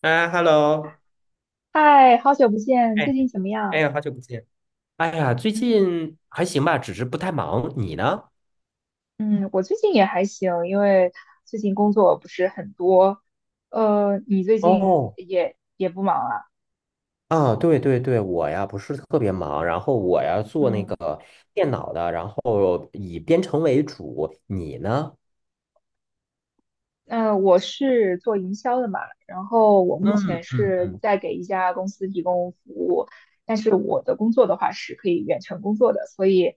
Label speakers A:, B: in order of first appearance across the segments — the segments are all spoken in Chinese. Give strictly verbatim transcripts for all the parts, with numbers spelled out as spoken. A: 啊，Hello，
B: 嗨，好久不见，最
A: 哎，
B: 近怎么
A: 哎
B: 样？
A: 呀，好久不见。哎呀，最
B: 嗯
A: 近还行吧，只是不太忙。你呢？
B: 嗯。嗯我最近也还行，因为最近工作不是很多。呃，你最近
A: 哦，
B: 也也不忙啊？
A: 啊，对对对，我呀不是特别忙，然后我呀做那
B: 嗯
A: 个电脑的，然后以编程为主。你呢？
B: 那我是做营销的嘛，然后我目
A: 嗯
B: 前
A: 嗯
B: 是
A: 嗯，
B: 在给一家公司提供服务，但是我的工作的话是可以远程工作的，所以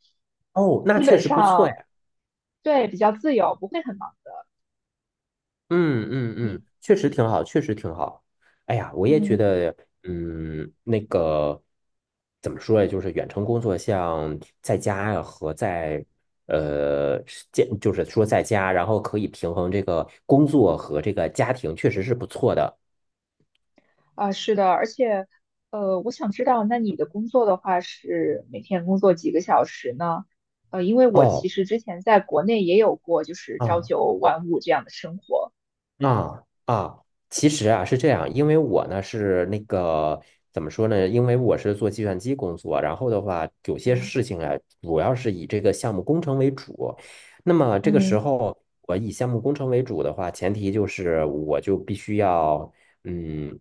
A: 哦，那
B: 基
A: 确
B: 本
A: 实不错呀。
B: 上，对，比较自由，不会很忙。
A: 嗯嗯
B: 你
A: 嗯，确实挺好，确实挺好。哎呀，我也觉
B: 嗯，
A: 得，嗯，那个怎么说呀？就是远程工作，像在家呀和在呃，是见就是说在家，然后可以平衡这个工作和这个家庭，确实是不错的。
B: 啊，是的，而且，呃，我想知道，那你的工作的话是每天工作几个小时呢？呃，因为我其
A: 哦，
B: 实之前在国内也有过，就是朝
A: 啊。
B: 九晚五这样的生活。
A: 嗯啊啊，其实啊是这样，因为我呢是那个怎么说呢？因为我是做计算机工作，然后的话有些
B: 嗯
A: 事情啊，主要是以这个项目工程为主。那么这个时
B: 嗯
A: 候，我以项目工程为主的话，前提就是我就必须要嗯，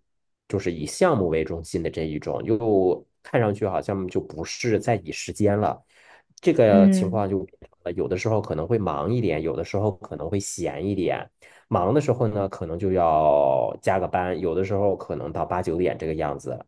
A: 就是以项目为中心的这一种，又看上去好像就不是在以时间了。这个情
B: 嗯。
A: 况就变成了有的时候可能会忙一点，有的时候可能会闲一点。忙的时候呢，可能就要加个班，有的时候可能到八九点这个样子。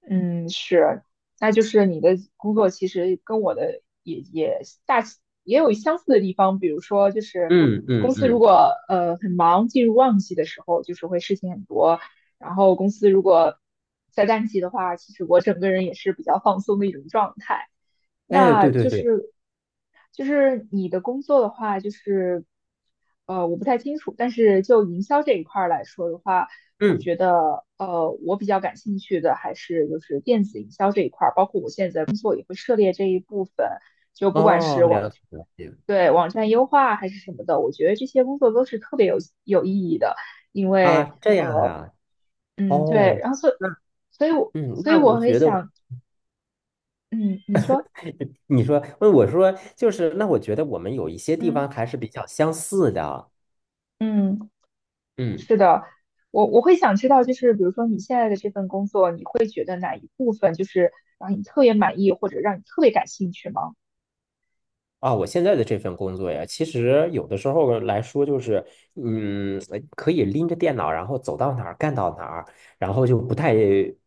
B: 嗯，是，那就是你的工作其实跟我的也也大也有相似的地方，比如说就是
A: 嗯
B: 公
A: 嗯
B: 司如
A: 嗯，
B: 果呃很忙，进入旺季的时候，就是会事情很多，然后公司如果在淡季的话，其实我整个人也是比较放松的一种状态。
A: 哎，
B: 那
A: 对对
B: 就
A: 对，
B: 是就是你的工作的话，就是呃我不太清楚，但是就营销这一块儿来说的话。我
A: 嗯，
B: 觉得，呃，我比较感兴趣的还是就是电子营销这一块儿，包括我现在工作也会涉猎这一部分，就不管是
A: 哦，
B: 网，
A: 了解了解
B: 对，网站优化还是什么的，我觉得这些工作都是特别有有意义的。因
A: 啊，
B: 为，
A: 这样
B: 呃，
A: 啊，
B: 嗯，对，
A: 哦。
B: 然后所以，
A: 那
B: 所以我，
A: 嗯，
B: 所以
A: 那我
B: 我会
A: 觉得，
B: 想。嗯，你说。
A: 你说，问我说，就是，那我觉得我们有一些地
B: 嗯
A: 方还是比较相似的。
B: 嗯，
A: 嗯
B: 是的，我我会想知道，就是比如说你现在的这份工作，你会觉得哪一部分就是让你特别满意，或者让你特别感兴趣吗？
A: 啊，我现在的这份工作呀，其实有的时候来说就是，嗯，呃可以拎着电脑，然后走到哪儿干到哪儿，然后就不太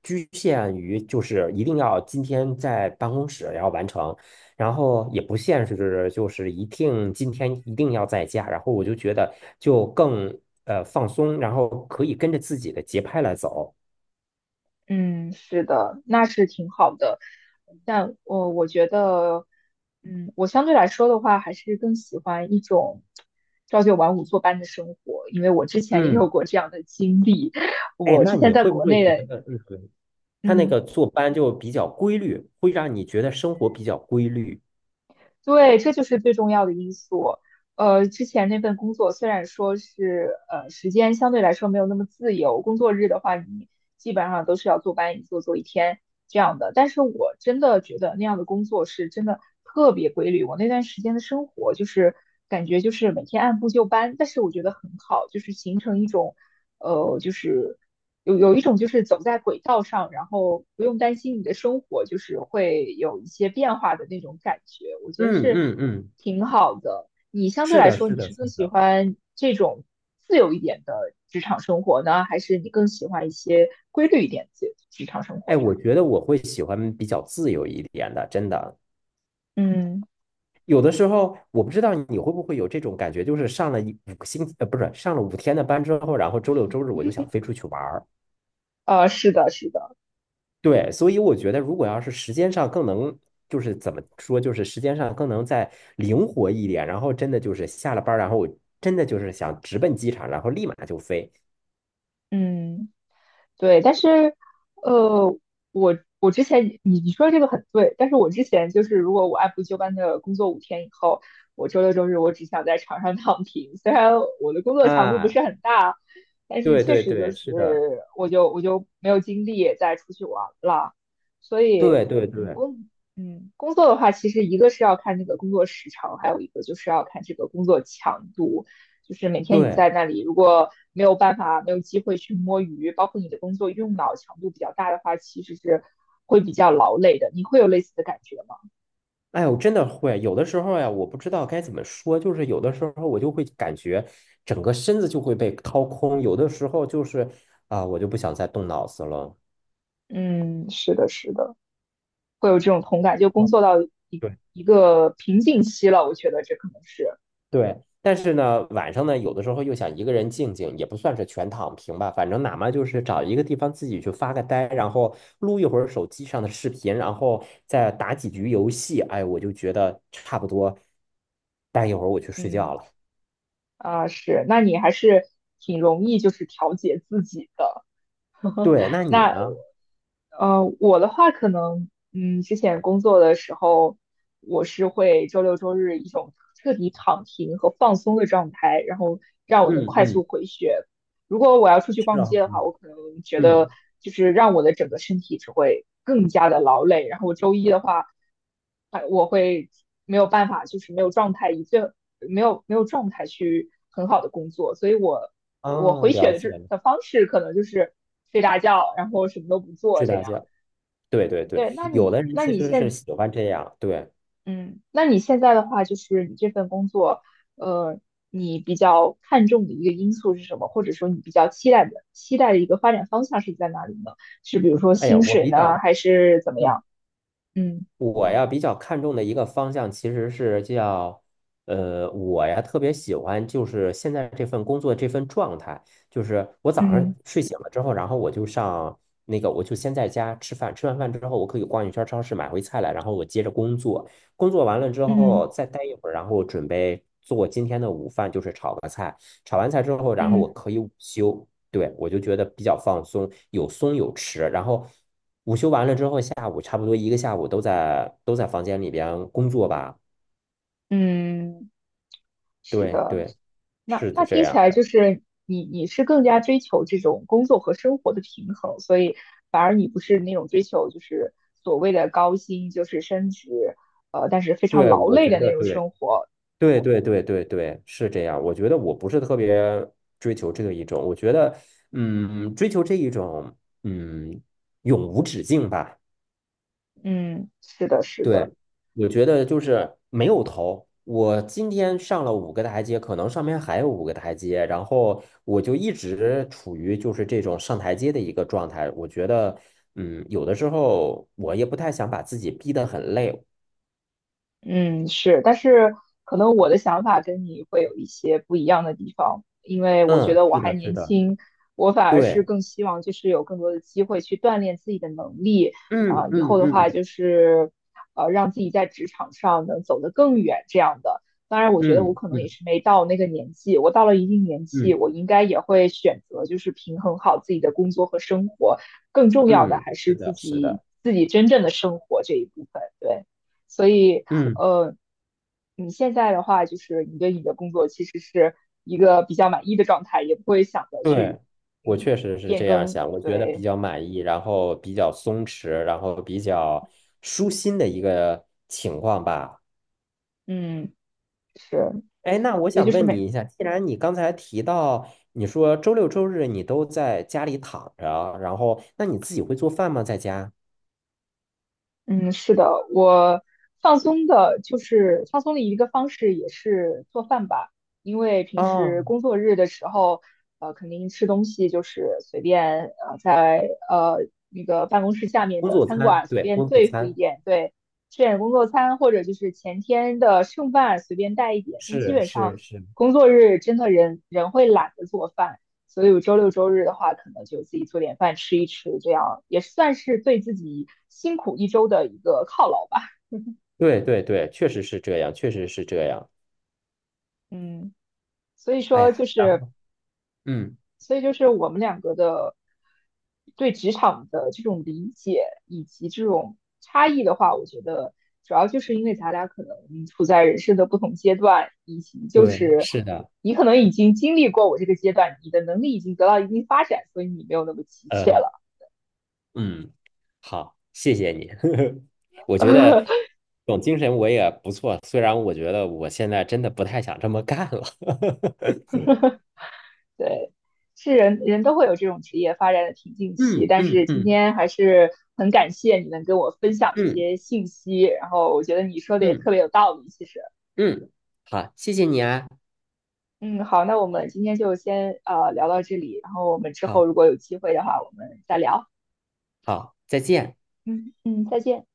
A: 局限于就是一定要今天在办公室要完成，然后也不限制就是一定今天一定要在家，然后我就觉得就更呃放松，然后可以跟着自己的节拍来走。
B: 嗯，是的，那是挺好的，但我呃我觉得，嗯，我相对来说的话，还是更喜欢一种朝九晚五坐班的生活，因为我之前也
A: 嗯，
B: 有过这样的经历，
A: 哎，
B: 我
A: 那
B: 之
A: 你
B: 前在
A: 会不
B: 国
A: 会
B: 内
A: 觉
B: 的。
A: 得，嗯，他那
B: 嗯。
A: 个坐班就比较规律，会让你觉得生活比较规律。
B: 对，这就是最重要的因素。呃，之前那份工作虽然说是呃时间相对来说没有那么自由，工作日的话你基本上都是要坐班一坐坐一天这样的，但是我真的觉得那样的工作是真的特别规律。我那段时间的生活就是感觉就是每天按部就班，但是我觉得很好，就是形成一种呃就是有有一种就是走在轨道上，然后不用担心你的生活就是会有一些变化的那种感觉，我觉得
A: 嗯
B: 是
A: 嗯嗯，
B: 挺好的。你相对
A: 是
B: 来
A: 的，
B: 说，
A: 是
B: 你
A: 的，
B: 是
A: 是
B: 更喜
A: 的。
B: 欢这种自由一点的职场生活呢，还是你更喜欢一些规律一点的职场生活
A: 哎，
B: 呀？
A: 我觉得我会喜欢比较自由一点的，真的。
B: 嗯，
A: 有的时候我不知道你会不会有这种感觉，就是上了一五个星期，呃，不是上了五天的班之后，然后周六周日我就想飞出去玩儿。
B: 呃，是的，是的，
A: 对，所以我觉得如果要是时间上更能，就是怎么说，就是时间上更能再灵活一点，然后真的就是下了班儿，然后我真的就是想直奔机场，然后立马就飞
B: 嗯。对，但是，呃，我我之前你你说的这个很对，但是我之前就是，如果我按部就班的工作五天以后，我周六周日我只想在床上躺平。虽然我的工作强度不
A: 啊。
B: 是很大，但是
A: 对
B: 确
A: 对
B: 实就
A: 对，
B: 是
A: 是的，
B: 我就我就没有精力再出去玩了。所以，
A: 对对
B: 嗯，
A: 对
B: 工嗯工作的话，其实一个是要看那个工作时长，还有一个就是要看这个工作强度。就是每天你在
A: 对，
B: 那里，如果没有办法、没有机会去摸鱼，包括你的工作用脑强度比较大的话，其实是会比较劳累的。你会有类似的感觉吗？
A: 哎我真的会，有的时候呀，我不知道该怎么说，就是有的时候我就会感觉整个身子就会被掏空，有的时候就是啊、我就不想再动脑子了。
B: 嗯，是的，是的，会有这种同感。就工
A: 哦
B: 作到一
A: 对
B: 一个瓶颈期了，我觉得这可能是。
A: 对，但是呢，晚上呢，有的时候又想一个人静静，也不算是全躺平吧，反正哪怕就是找一个地方自己去发个呆，然后录一会儿手机上的视频，然后再打几局游戏，哎，我就觉得差不多，待一会儿我去睡觉
B: 嗯
A: 了。
B: 啊、是。那你还是挺容易就是调节自己的。
A: 对，那你
B: 那
A: 呢？
B: 呃，我的话可能，嗯，之前工作的时候，我是会周六周日一种彻底躺平和放松的状态，然后让我能
A: 嗯
B: 快
A: 嗯，
B: 速回血。如果我要出去
A: 是
B: 逛
A: 啊，
B: 街的话，
A: 嗯
B: 我可能觉得
A: 嗯
B: 就是让我的整个身体只会更加的劳累。然后我周一的话，哎，我会没有办法，就是没有状态，以最没有没有状态去很好的工作。所以我我
A: 啊，
B: 回血
A: 了
B: 的
A: 解
B: 这
A: 了，
B: 的方式可能就是睡大觉，然后什么都不做
A: 睡
B: 这
A: 大
B: 样。
A: 觉。对对
B: 对，
A: 对，
B: 那
A: 有
B: 你
A: 的人
B: 那
A: 其
B: 你
A: 实是
B: 现
A: 喜欢这样。对，
B: 嗯，那你现在的话，就是你这份工作，呃，你比较看重的一个因素是什么？或者说你比较期待的期待的一个发展方向是在哪里呢？是比如说
A: 哎呀，
B: 薪
A: 我
B: 水
A: 比
B: 呢，
A: 较，
B: 还是怎么
A: 嗯。
B: 样？嗯
A: 我呀比较看重的一个方向其实是叫，呃，我呀特别喜欢就是现在这份工作这份状态，就是我早上
B: 嗯
A: 睡醒了之后，然后我就上那个我就先在家吃饭，吃完饭之后我可以逛一圈超市买回菜来，然后我接着工作，工作完了之后
B: 嗯
A: 再待一会儿，然后准备做今天的午饭，就是炒个菜，炒完菜之后，然后我
B: 嗯
A: 可以午休。对，我就觉得比较放松，有松有弛。然后午休完了之后，下午差不多一个下午都在都在房间里边工作吧。
B: 嗯，是
A: 对
B: 的。
A: 对，
B: 那
A: 是的
B: 那
A: 这
B: 听起
A: 样
B: 来就
A: 的。
B: 是你你是更加追求这种工作和生活的平衡，所以反而你不是那种追求就是所谓的高薪，就是升职，呃，但是非常
A: 对，
B: 劳
A: 我
B: 累
A: 觉
B: 的那
A: 得
B: 种
A: 对
B: 生活。
A: 对对对对对是这样。我觉得我不是特别追求这一种，我觉得嗯，追求这一种嗯永无止境吧。
B: 嗯，是的，是
A: 对，
B: 的。
A: 我觉得就是没有头。我今天上了五个台阶，可能上面还有五个台阶，然后我就一直处于就是这种上台阶的一个状态。我觉得，嗯，有的时候我也不太想把自己逼得很累。
B: 嗯，是，但是可能我的想法跟你会有一些不一样的地方，因为我觉
A: 嗯，
B: 得我
A: 是
B: 还
A: 的，是
B: 年
A: 的，
B: 轻，我反而是
A: 对，
B: 更希望就是有更多的机会去锻炼自己的能力，
A: 嗯
B: 啊、以
A: 嗯
B: 后的话
A: 嗯
B: 就是呃让自己在职场上能走得更远这样的。当然，我觉得我
A: 嗯
B: 可能也
A: 嗯
B: 是没到那个年纪，我到了一定年纪，
A: 嗯
B: 我应该也会选择就是平衡好自己的工作和生活，更重要的
A: 嗯，
B: 还
A: 是
B: 是自
A: 的，是
B: 己
A: 的，
B: 自己真正的生活这一部分，对。所以，
A: 嗯。
B: 呃，你现在的话，就是你对你的工作其实是一个比较满意的状态，也不会想着去，
A: 对，我确
B: 嗯，
A: 实是
B: 变
A: 这样
B: 更。
A: 想，我觉得比
B: 对，
A: 较满意，然后比较松弛，然后比较舒心的一个情况吧。
B: 嗯，是，
A: 哎，那我
B: 所以
A: 想
B: 就是
A: 问
B: 每
A: 你一下，既然你刚才提到你说周六周日你都在家里躺着，然后那你自己会做饭吗？在家？
B: 嗯，是的，我放松的，就是放松的一个方式也是做饭吧，因为平时
A: 哦，
B: 工作日的时候，呃，肯定吃东西就是随便，呃，在呃那个办公室下面
A: 工
B: 的
A: 作
B: 餐
A: 餐，
B: 馆随
A: 对，
B: 便
A: 工作
B: 对付一
A: 餐，
B: 点，对，吃点工作餐或者就是前天的剩饭随便带一点，但基
A: 是
B: 本上
A: 是是，
B: 工作日真的人人会懒得做饭。所以我周六周日的话，可能就自己做点饭吃一吃，这样也算是对自己辛苦一周的一个犒劳吧。
A: 对对对，确实是这样，确实是这样。
B: 嗯，所以
A: 哎
B: 说
A: 呀，
B: 就
A: 然
B: 是，
A: 后嗯，
B: 所以就是我们两个的对职场的这种理解以及这种差异的话，我觉得主要就是因为咱俩可能处在人生的不同阶段，以及就
A: 对，
B: 是
A: 是的。
B: 你可能已经经历过我这个阶段，你的能力已经得到一定发展，所以你没有那么急切
A: 呃。
B: 了。
A: 嗯，好，谢谢你。我觉得这 种精神我也不错，虽然我觉得我现在真的不太想这么干了。
B: 对，是人人都会有这种职业发展的瓶颈 期，
A: 嗯
B: 但
A: 嗯
B: 是今
A: 嗯
B: 天还是很感谢你能跟我分享这
A: 嗯
B: 些信息，然后我觉得你说的也
A: 嗯
B: 特别有道理，其实。
A: 嗯，好，谢谢你啊，
B: 嗯，好，那我们今天就先呃聊到这里，然后我们之后
A: 好
B: 如果有机会的话，我们再聊。
A: 好，再见。
B: 嗯嗯，再见。